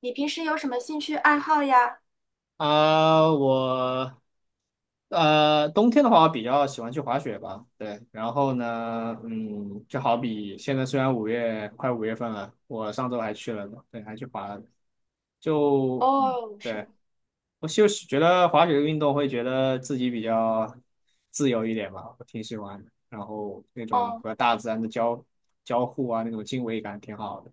你平时有什么兴趣爱好呀？啊，冬天的话，我比较喜欢去滑雪吧。对，然后呢，就好比现在虽然快五月份了，我上周还去了呢，对，还去滑了。就，嗯哦，是对，吧？我就是觉得滑雪这个运动会觉得自己比较自由一点吧，我挺喜欢的。然后那种哦，和大自然的交互啊，那种敬畏感挺好的。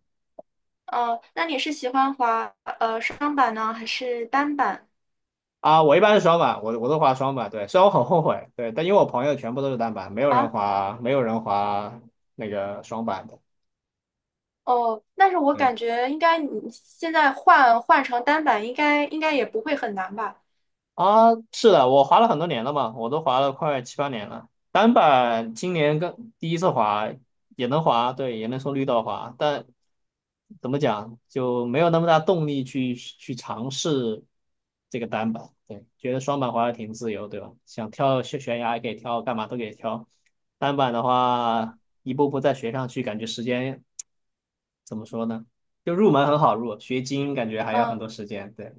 哦，那你是喜欢滑双板呢，还是单板啊，我一般是双板，我都滑双板，对，虽然我很后悔，对，但因为我朋友全部都是单板，没有人啊？滑，没有人滑那个双板的，哦，但是我对，感觉应该你现在换成单板，应该也不会很难吧？啊，是的，我滑了很多年了嘛，我都滑了快七八年了。单板今年刚第一次滑，也能滑，对，也能从绿道滑，但怎么讲就没有那么大动力去尝试这个单板。对，觉得双板滑的挺自由，对吧？想跳悬崖也可以跳，干嘛都可以跳。单板的哦，话，一步步再学上去，感觉时间怎么说呢？就入门很好入，学精英感觉还要很嗯，多时间。对，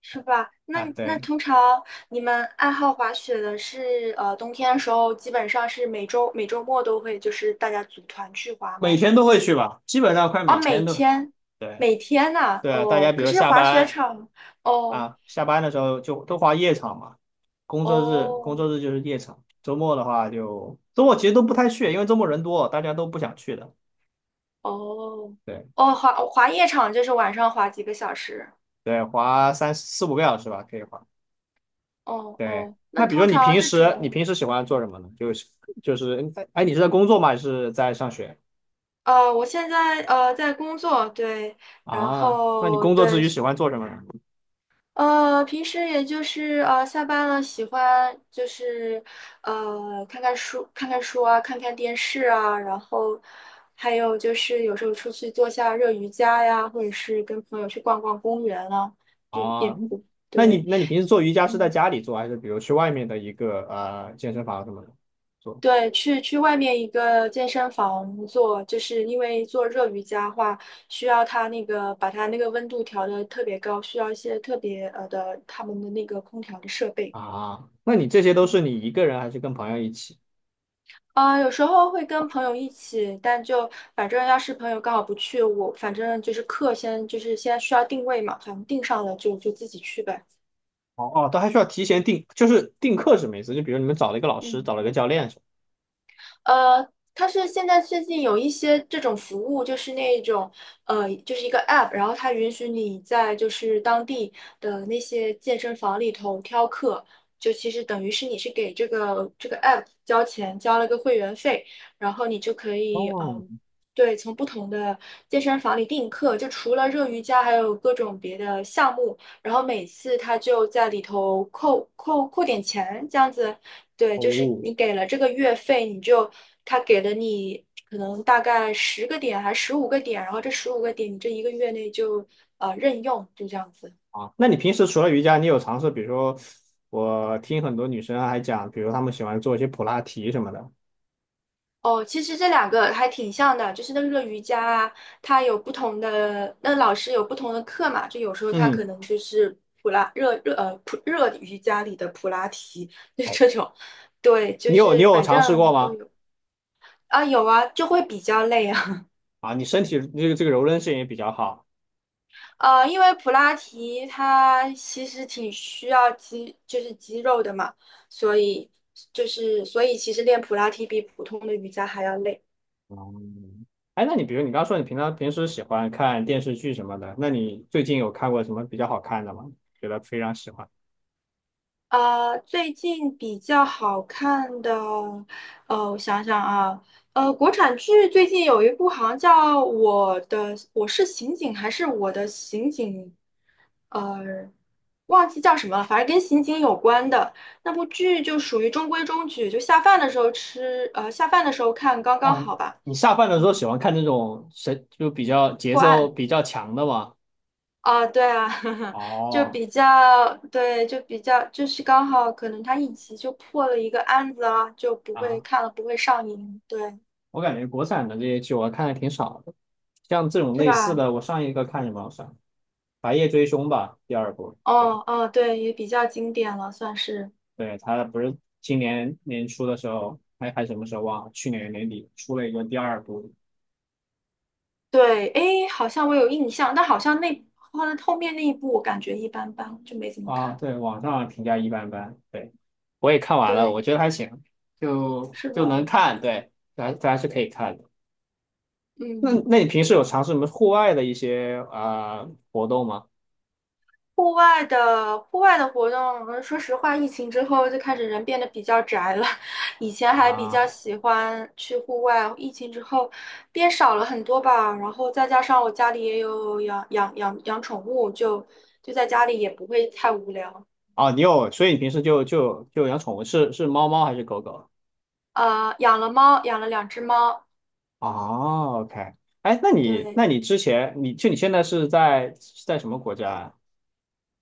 是吧？那啊，那对。通常你们爱好滑雪的是冬天的时候，基本上是每周末都会就是大家组团去滑每吗？天都会去吧，基本上快哦，每每天都。天对每天呐、对啊，大家哦，比可如是下滑雪班场哦。啊，下班的时候就都划夜场嘛，工作日哦工作日就是夜场，周末的话就周末其实都不太去，因为周末人多，大家都不想去的。哦对哦，滑夜场就是晚上滑几个小时。对，划三四五个小时吧，可以划。哦对，哦，那那比如说通你常平这时你种，平时喜欢做嗯，什么呢？哎哎，你是在工作吗？还是在上学？我现在在工作，对，然啊？那你后工作之对，余喜欢做什么呢？平时也就是下班了，喜欢就是看看书啊，看看电视啊，然后还有就是有时候出去做下热瑜伽呀，或者是跟朋友去逛逛公园啊，就也啊，不那你对。那你平时做瑜伽是在嗯家里做，还是比如去外面的一个健身房什么的做？对，去外面一个健身房做，就是因为做热瑜伽的话，需要它那个把它那个温度调的特别高，需要一些特别的他们的那个空调的设备。啊，那你这些都是你一个人还是跟朋友一起？啊，有时候会跟朋友一起，但就反正要是朋友刚好不去，我反正就是课先就是先需要定位嘛，反正定上了就自己去呗。哦哦，都还需要提前定，就是定课什么意思？就比如你们找了一个老师，嗯。找了一个教练是吧？呃，它是现在最近有一些这种服务，就是那种就是一个 app，然后它允许你在就是当地的那些健身房里头挑课，就其实等于是你是给这个 app 交钱，交了个会员费，然后你就可以哦对，从不同的健身房里订课，就除了热瑜伽，还有各种别的项目。然后每次他就在里头扣点钱，这样子对，就是哦你给了这个月费，你就他给了你可能大概10个点还是十五个点，然后这十五个点你这一个月内就任用，就这样子。啊，那你平时除了瑜伽，你有尝试，比如说我听很多女生还讲，比如她们喜欢做一些普拉提什么的。哦，其实这两个还挺像的，就是那个瑜伽啊，它有不同的，那老师有不同的课嘛，就有时候他可嗯，能就是普热瑜伽里的普拉提，就好，这种，对，就你有你是有反尝试过正都吗？有啊有啊，就会比较累啊。啊，你身体这个柔韧性也比较好。因为普拉提它其实挺需要肌，就是肌肉的嘛，所以就是所以其实练普拉提比普通的瑜伽还要累。哦，哎，那你比如你刚刚说你平时喜欢看电视剧什么的，那你最近有看过什么比较好看的吗？觉得非常喜欢。最近比较好看的，我想想啊，国产剧最近有一部好像叫《我的我是刑警》还是《我的刑警》，呃，忘记叫什么了，反正跟刑警有关的那部剧就属于中规中矩，就下饭的时候吃，下饭的时候看刚刚哦，好吧。你下饭的时候嗯，喜欢看这种谁就比较节破奏案。比较强的吗？啊，对啊，就哦，比较，对，就比较，就是刚好可能他一集就破了一个案子啊，就不会啊，看了不会上瘾，对，我感觉国产的这些剧我看的挺少的，像这种是类似吧？的，我上一个看什么？我上《白夜追凶》吧，第二部。对哦哦，对，也比较经典了，算是。对，他不是今年年初的时候，还什么时候忘了？去年年底出了一个第二部，对，诶，好像我有印象，但好像那后面那一部我感觉一般般，就没怎么啊，看。对，网上评价一般般，对，我也看完了，我对，觉得还行，就是就能吧？看，对，还是可以看的。那嗯。那你平时有尝试什么户外的一些活动吗？户外的活动，说实话，疫情之后就开始人变得比较宅了。以前还比较啊，喜欢去户外，疫情之后变少了很多吧。然后再加上我家里也有养宠物，就在家里也不会太无聊。哦，你有，所以你平时就养宠物，是猫猫还是狗狗？养了猫，养了两只猫。哦，OK,哎，那你对，那你之前你就你现在是在什么国家呀？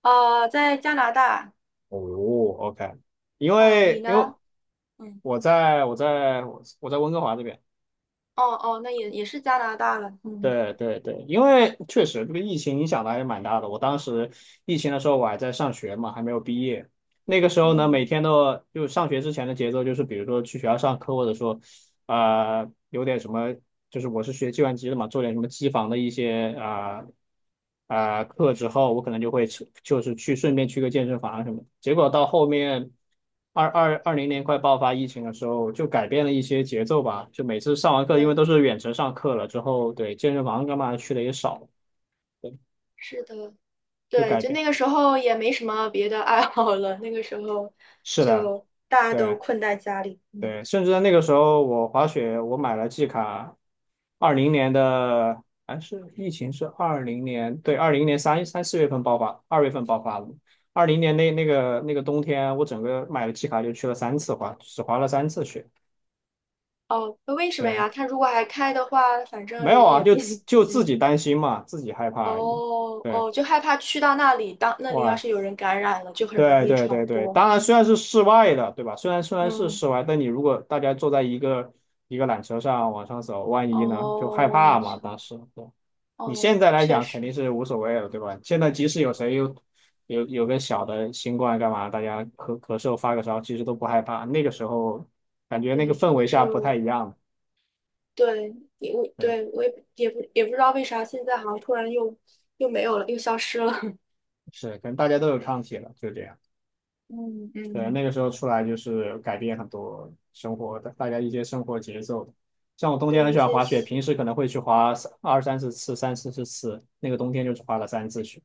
在加拿大哦，OK,因啊，你为呢？因为嗯，我在我在我在温哥华这边。哦哦，那也是加拿大了。嗯，对对对，因为确实这个疫情影响的还是蛮大的。我当时疫情的时候，我还在上学嘛，还没有毕业。那个时候呢，嗯，每天都就上学之前的节奏就是，比如说去学校上课，或者说有点什么，就是我是学计算机的嘛，做点什么机房的一些课之后，我可能就会去就是去顺便去个健身房什么的。结果到后面二零年快爆发疫情的时候，就改变了一些节奏吧，就每次上完课，因为都对，是远程上课了之后，对健身房干嘛去的也少了，对，是的。就对，改就变。那个时候也没什么别的爱好了，那个时候是的，就大家都对。困在家里。嗯，对，甚至在那个时候，我滑雪，我买了季卡，二零年的，还是疫情是二零年，对，二零年四月份爆发，2月份爆发的。二零年那个冬天，我整个买了季卡就去了三次滑，只滑了三次雪。哦，那为什么对，呀？他如果还开的话，反正没有人啊，也就不 自 就自挤。己担心嘛，自己害怕而已。哦对，哦，就害怕去到那里，当那里要哇，是有人感染了，就很容对易对传对对，播。当然虽然是室外的，对吧？虽然是嗯，室外，但你如果大家坐在一个缆车上往上走，万一呢，就害怕哦嘛。当时，对，你哦，现在来确讲肯实，定是无所谓了，对吧？现在即使有谁有个小的新冠干嘛，大家咳嗽发个烧，其实都不害怕。那个时候感觉那个对，那氛个围时下不太候，一样，对，也我对，对我也也不也不知道为啥，现在好像突然又没有了，又消失了。是，可能大家都有抗体了，就这样。嗯对，嗯，那个时候出来就是改变很多生活的，大家一些生活节奏。像我冬天很喜对，欢谢滑雪，平谢。时可能会去滑二三十次、三四十次，那个冬天就是滑了三次雪。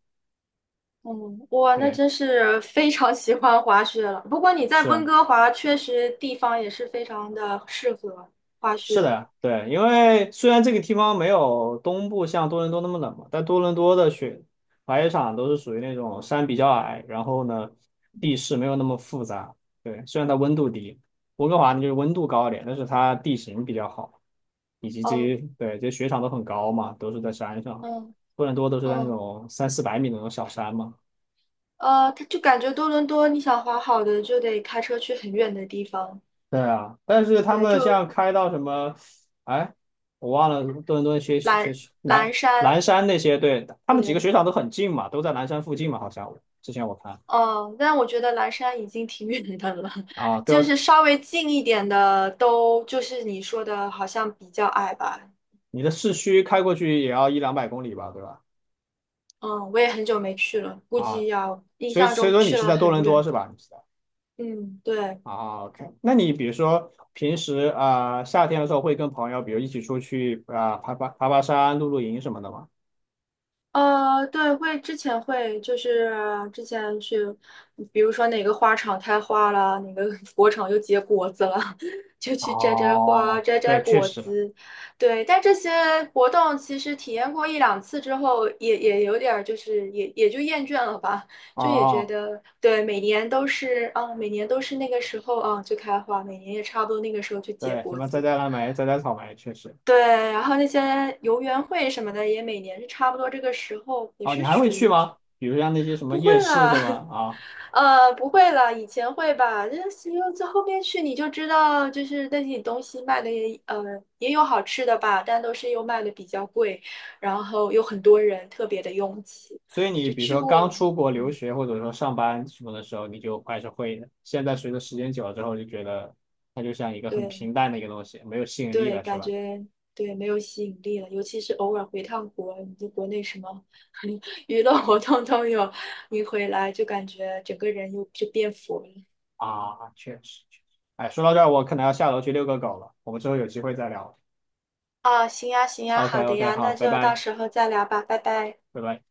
嗯，哇，那对，真是非常喜欢滑雪了。不过你在温是，哥华确实地方也是非常的适合滑是雪。的，对，因为虽然这个地方没有东部像多伦多那么冷嘛，但多伦多的雪滑雪场都是属于那种山比较矮，然后呢，地势没有那么复杂。对，虽然它温度低，温哥华呢就是温度高一点，但是它地形比较好，以及这哦，些对这些雪场都很高嘛，都是在山上。嗯多伦多都是在那嗯，种三四百米的那种小山嘛，它就感觉多伦多你想滑好的就得开车去很远的地方，对啊，但是他对，们就像开到什么，哎，我忘了多伦顿顿些些蓝蓝南南山，山那些，对，他们几个对，雪场都很近嘛，都在南山附近嘛，好像我之前我看哦，但我觉得蓝山已经挺远的了，啊，都就要是稍微近一点的都就是你说的好像比较矮吧。你的市区开过去也要一两百公里吧，对吧？嗯，我也很久没去了，估啊，计要印所以象所以中说你去是了在多很伦多远。是吧？你是在。嗯，对，啊，OK,那你比如说平时夏天的时候会跟朋友，比如一起出去啊、爬山、露营什么的吗？对，会之前会就是之前去，比如说哪个花场开花了，哪个 果场又结果子了，就去摘摘花、哦，摘摘对，确果实。子。对，但这些活动其实体验过一两次之后，也有点儿就是也就厌倦了吧，就也觉哦，得对，每年都是啊，每年都是那个时候啊就开花，每年也差不多那个时候就结对，什果么摘子。摘蓝莓、摘摘草莓，确实。对，然后那些游园会什么的，也每年是差不多这个时候，也哦，你是还会属去于吗？比如像那些什么不夜会市了，是么 啊，不会了，以前会吧，这只有这后面去你就知道，就是那些东西卖的也有好吃的吧，但都是又卖的比较贵，然后有很多人特别的拥挤，所以你就比如去说刚过，出国留嗯，学或者说上班什么的时候，你就还是会的。现在随着时间久了之后，就觉得它就像一个很对。平淡的一个东西，没有吸引力对，了，是感吧？觉对没有吸引力了，尤其是偶尔回趟国，你就国内什么 娱乐活动都有，你回来就感觉整个人又就变佛了。啊，确实，确实。哎，说到这儿，我可能要下楼去遛个狗了，我们之后有机会再聊。啊，行呀，行呀，OK 好的 OK,呀，好，那拜就到拜，时候再聊吧，拜拜。拜拜。